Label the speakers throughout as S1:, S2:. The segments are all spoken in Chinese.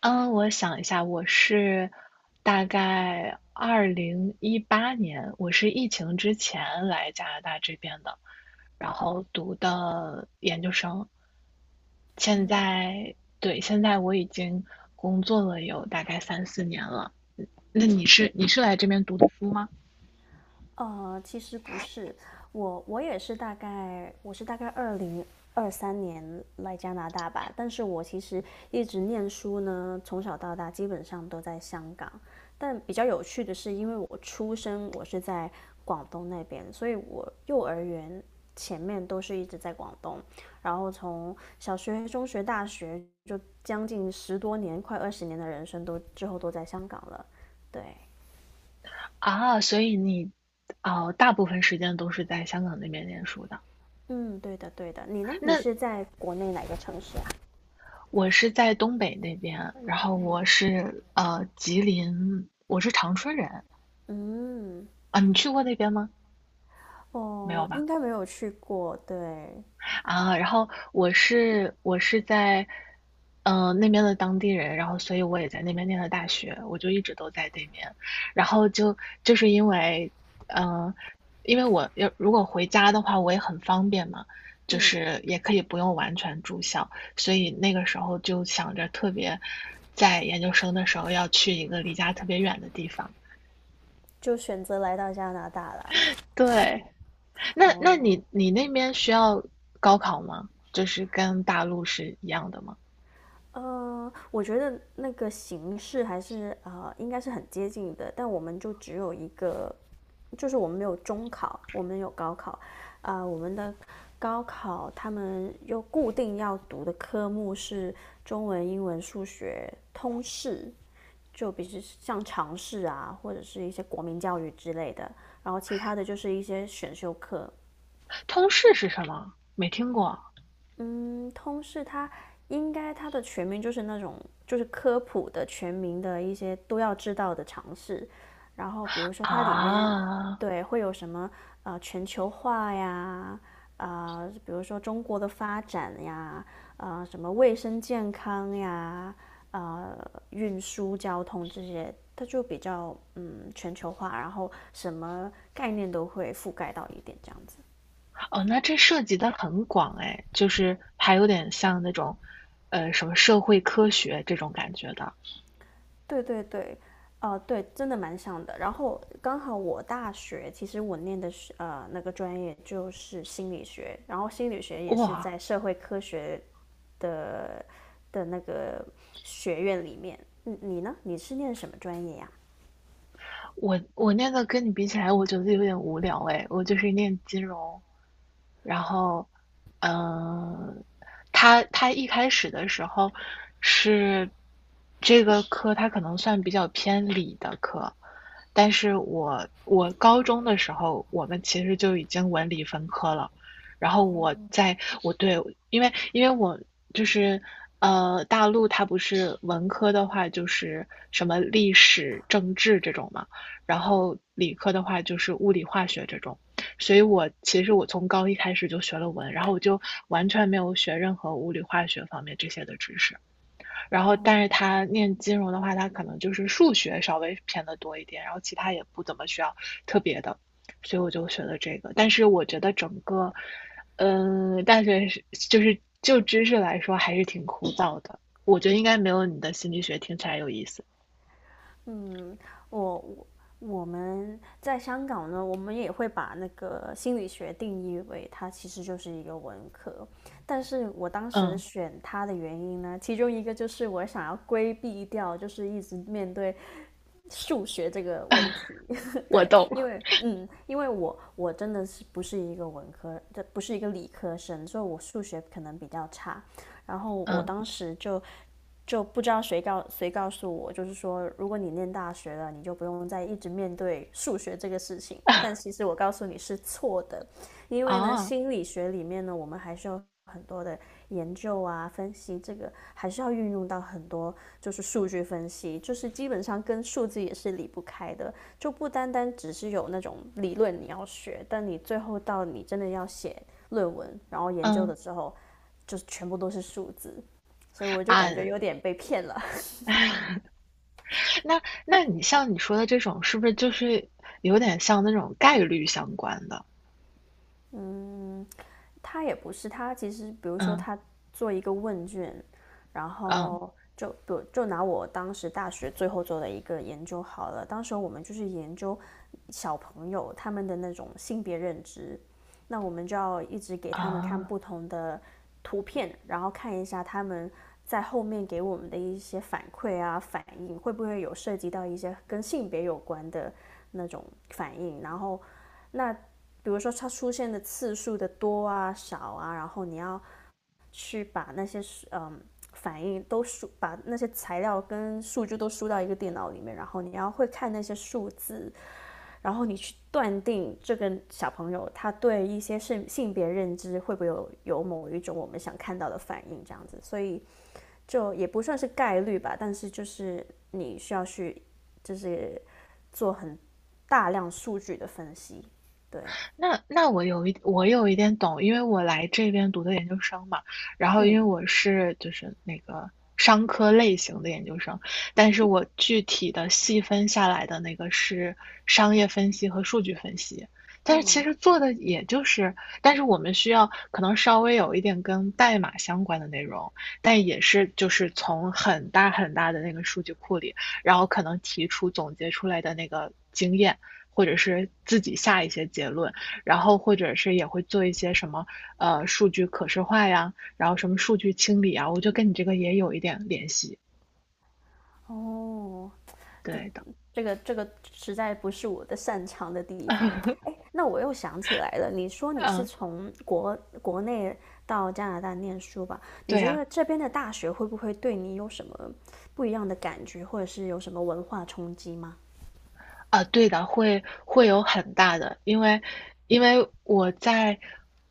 S1: 嗯，我想一下，我是大概2018年，我是疫情之前来加拿大这边的，然后读的研究生。现在，对，现在我已经工作了有大概三四年了。嗯那你是来这边读的书吗？
S2: 其实不是，我也是大概2023年来加拿大吧，但是我其实一直念书呢，从小到大基本上都在香港。但比较有趣的是，因为我出生在广东那边，所以我幼儿园前面都是一直在广东，然后从小学、中学、大学就将近10多年、快20年的人生之后都在香港了，对。
S1: 啊，所以你哦，大部分时间都是在香港那边念书的。
S2: 嗯，对的，对的。你呢？你
S1: 那
S2: 是在国内哪个城市啊？
S1: 我是在东北那边，然后我是吉林，我是长春人，
S2: 嗯，
S1: 啊，你去过那边吗？没有
S2: 哦，应
S1: 吧？
S2: 该没有去过，对，
S1: 啊，然后我是在那边的当地人，然后所以我也在那边念的大学，我就一直都在那边，然后就就是因为，嗯、因为我要如果回家的话，我也很方便嘛，就
S2: 嗯，
S1: 是也可以不用完全住校，所以那个时候就想着特别，在研究生的时候要去一个离家特别远的地方，
S2: 就选择来到加拿大了。
S1: 对，那那
S2: 哦，
S1: 你你那边需要高考吗？就是跟大陆是一样的吗？
S2: 我觉得那个形式还是应该是很接近的，但我们就只有一个，就是我们没有中考，我们有高考，啊、我们的高考他们又固定要读的科目是中文、英文、数学、通识，就比如像尝试啊，或者是一些国民教育之类的，然后其他的就是一些选修课，
S1: 通识是什么？没听过
S2: 嗯，通识它应该它的全名就是那种就是科普的全民的一些都要知道的常识，然后比如说它里面
S1: 啊。
S2: 对会有什么全球化呀，啊、比如说中国的发展呀，啊、什么卫生健康呀，呃运输交通这些，它就比较全球化，然后什么概念都会覆盖到一点这样子。
S1: 哦，那这涉及的很广哎，就是还有点像那种，什么社会科学这种感觉的。
S2: 对对对，对，真的蛮像的。然后刚好我大学其实我念的是那个专业就是心理学，然后心理学也是
S1: 哇，
S2: 在社会科学的的那个学院里面。你呢？你是念什么专业呀、
S1: 我那个跟你比起来，我觉得有点无聊哎，我就是念金融，然后，嗯，他一开始的时候是这个科，他可能算比较偏理的科，但是我高中的时候，我们其实就已经文理分科了。然后我对，因为我就是大陆它不是文科的话就是什么历史、政治这种嘛，然后理科的话就是物理、化学这种。所以我其实从高一开始就学了文，然后我就完全没有学任何物理、化学方面这些的知识。然后，但是他念金融的话，他可能就是数学稍微偏的多一点，然后其他也不怎么需要特别的，所以我就学了这个。但是我觉得整个，大学就知识来说还是挺枯燥的，我觉得应该没有你的心理学听起来有意思。
S2: 嗯，我我我们在香港呢，我们也会把那个心理学定义为它其实就是一个文科，但是我当时
S1: 嗯，
S2: 选它的原因呢，其中一个就是我想要规避掉，就是一直面对数学这个问题，
S1: 我
S2: 对，
S1: 懂。
S2: 因为因为我真的是不是一个文科，这不是一个理科生，所以我数学可能比较差，然后我
S1: 嗯，
S2: 当时就不知道谁告诉我，就是说，如果你念大学了，你就不用再一直面对数学这个事情。但其实我告诉你是错的，因为呢，
S1: 啊，
S2: 心理学里面呢，我们还是有很多的研究啊、分析，这个还是要运用到很多，就是数据分析，就是基本上跟数字也是离不开的，就不单单只是有那种理论你要学，但你最后到你真的要写论文，然后研究
S1: 嗯
S2: 的时候，就全部都是数字。所以我就
S1: 啊，
S2: 感觉有点被骗了。
S1: 那你像你说的这种，是不是就是有点像那种概率相关的？
S2: 嗯，他也不是，他其实比如说
S1: 嗯，
S2: 他做一个问卷，然
S1: 嗯，
S2: 后就比如就拿我当时大学最后做的一个研究好了，当时我们就是研究小朋友他们的那种性别认知，那我们就要一直给他们看
S1: 啊。
S2: 不同的图片，然后看一下他们，在后面给我们的一些反馈啊、反应，会不会有涉及到一些跟性别有关的那种反应？然后那比如说它出现的次数的多啊、少啊，然后你要去把那些嗯反应都输，把那些材料跟数据都输到一个电脑里面，然后你要会看那些数字，然后你去断定这个小朋友他对一些性别认知会不会有某一种我们想看到的反应这样子，所以就也不算是概率吧，但是就是你需要去就是做很大量数据的分析，对，
S1: 那我有一点懂，因为我来这边读的研究生嘛，然后因为
S2: 嗯。
S1: 就是那个商科类型的研究生，但是我具体的细分下来的那个是商业分析和数据分析，但是其
S2: 嗯，
S1: 实做的也就是，但是我们需要可能稍微有一点跟代码相关的内容，但也是就是从很大很大的那个数据库里，然后可能提出总结出来的那个经验。或者是自己下一些结论，然后或者是也会做一些什么，数据可视化呀，然后什么数据清理啊，我就跟你这个也有一点联系，
S2: 哦，对，
S1: 对的。
S2: 这个实在不是我的擅长的地方。哎，那我又想起来了，你说你是
S1: 嗯，
S2: 从国内到加拿大念书吧？你
S1: 对
S2: 觉
S1: 呀、
S2: 得这边的大学会不会对你有什么不一样的感觉，或者是有什么文化冲击吗？
S1: 啊，对的，会有很大的，因为我在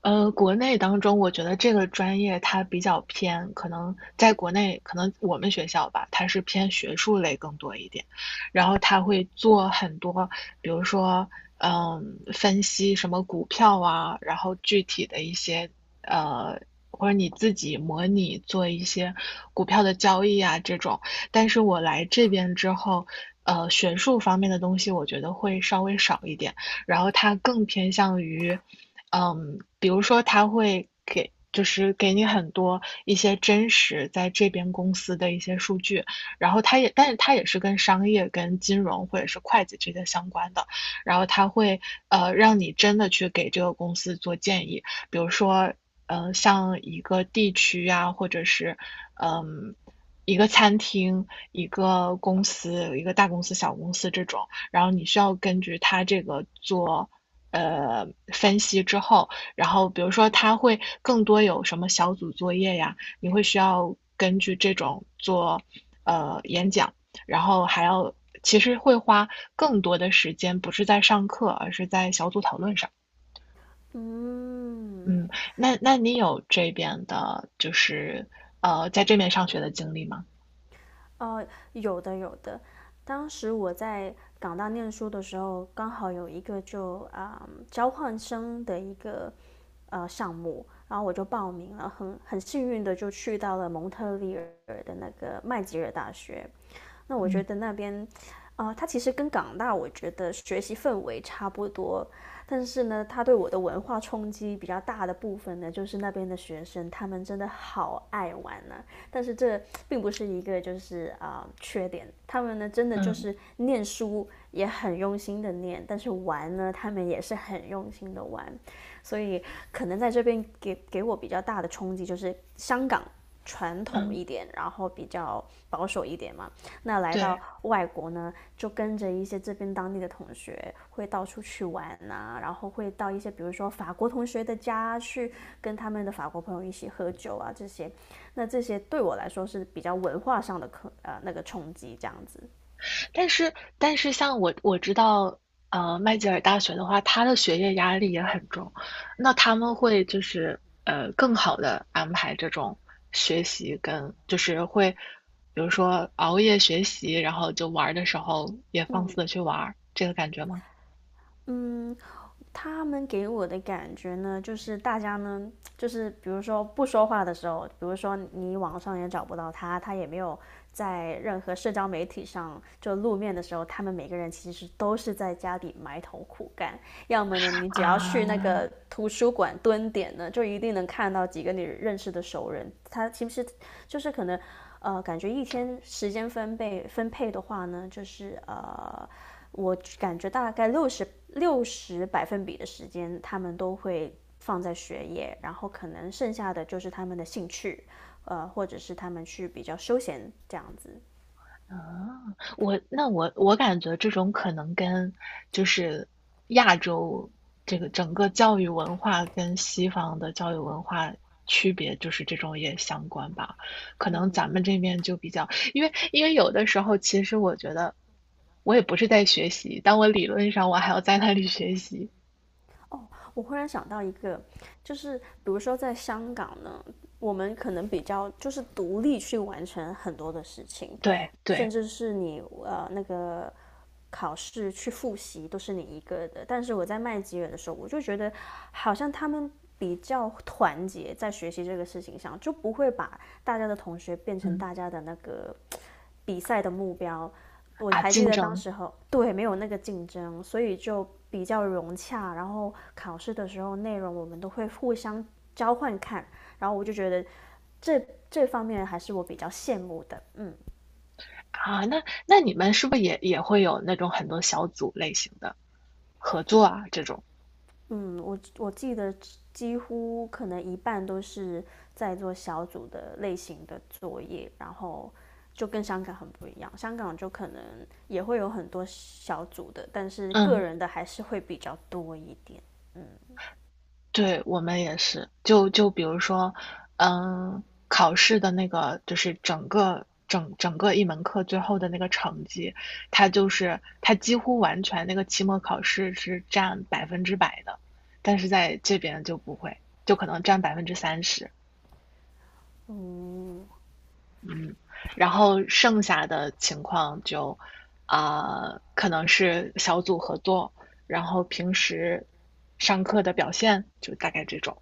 S1: 国内当中，我觉得这个专业它比较偏，可能在国内，可能我们学校吧，它是偏学术类更多一点，然后他会做很多，比如说分析什么股票啊，然后具体的一些呃。或者你自己模拟做一些股票的交易啊，这种，但是我来这边之后，学术方面的东西我觉得会稍微少一点，然后它更偏向于，比如说它会给。就是给你很多一些真实在这边公司的一些数据，然后但是它也是跟商业、跟金融或者是会计这些相关的，然后它会让你真的去给这个公司做建议，比如说像一个地区呀、或者是嗯、呃一个餐厅、一个公司、一个大公司、小公司这种，然后你需要根据它这个做呃分析之后，然后比如说它会更多有什么小组作业呀，你会需要根据这种做演讲，然后还要其实会花更多的时间，不是在上课，而是在小组讨论上。
S2: 嗯，
S1: 嗯，那你有这边的，就是在这边上学的经历吗？
S2: 哦，有的有的。当时我在港大念书的时候，刚好有一个交换生的一个项目，然后我就报名了，很幸运的就去到了蒙特利尔的那个麦吉尔大学。那我觉
S1: 嗯
S2: 得那边，啊，它其实跟港大我觉得学习氛围差不多，但是呢，它对我的文化冲击比较大的部分呢，就是那边的学生他们真的好爱玩啊。但是这并不是一个就是缺点，他们呢真的就
S1: 嗯
S2: 是念书也很用心的念，但是玩呢他们也是很用心的玩，所以可能在这边给我比较大的冲击就是香港传统
S1: 嗯，
S2: 一点，然后比较保守一点嘛，那来到
S1: 对，
S2: 外国呢，就跟着一些这边当地的同学，会到处去玩啊，然后会到一些比如说法国同学的家去跟他们的法国朋友一起喝酒啊这些。那这些对我来说是比较文化上的那个冲击这样子。
S1: 但是像我知道，麦吉尔大学的话，他的学业压力也很重，那他们会就是更好的安排这种学习跟就是会，比如说熬夜学习，然后就玩儿的时候也放肆
S2: 嗯
S1: 的去玩儿，这个感觉吗？
S2: 嗯，他们给我的感觉呢，就是大家呢，就是比如说不说话的时候，比如说你网上也找不到他，他也没有在任何社交媒体上就露面的时候，他们每个人其实都是在家里埋头苦干。要么呢，你只要去那
S1: 啊，
S2: 个图书馆蹲点呢，就一定能看到几个你认识的熟人。他其实就是可能，感觉一天时间分配的话呢，就是。我感觉大概60%的时间，他们都会放在学业，然后可能剩下的就是他们的兴趣，或者是他们去比较休闲这样子。
S1: 啊，我那我我感觉这种可能跟就是亚洲这个整个教育文化跟西方的教育文化区别，就是这种也相关吧。可能
S2: 嗯，
S1: 咱们这边就比较，因为有的时候其实我觉得我也不是在学习，但我理论上我还要在那里学习。
S2: 我忽然想到一个，就是比如说在香港呢，我们可能比较就是独立去完成很多的事情，
S1: 对
S2: 甚
S1: 对，
S2: 至是你那个考试去复习都是你一个的，但是我在麦吉尔的时候，我就觉得好像他们比较团结，在学习这个事情上，就不会把大家的同学变成
S1: 嗯
S2: 大家的那个比赛的目标。我
S1: 啊，
S2: 还记
S1: 竞
S2: 得当
S1: 争
S2: 时候，对，没有那个竞争，所以就比较融洽。然后考试的时候，内容我们都会互相交换看，然后我就觉得这方面还是我比较羡慕的，嗯。
S1: 啊，那你们是不是也会有那种很多小组类型的合作啊这种？
S2: 嗯，我记得几乎可能一半都是在做小组的类型的作业，然后就跟香港很不一样。香港就可能也会有很多小组的，但是个
S1: 嗯。
S2: 人的还是会比较多一点。嗯
S1: 对，我们也是。就比如说，嗯，考试的那个就是整个一门课最后的那个成绩，它就是它几乎完全那个期末考试是占100%的，但是在这边就不会，就可能占30%，
S2: 嗯，
S1: 嗯，然后剩下的情况就可能是小组合作，然后平时上课的表现，就大概这种。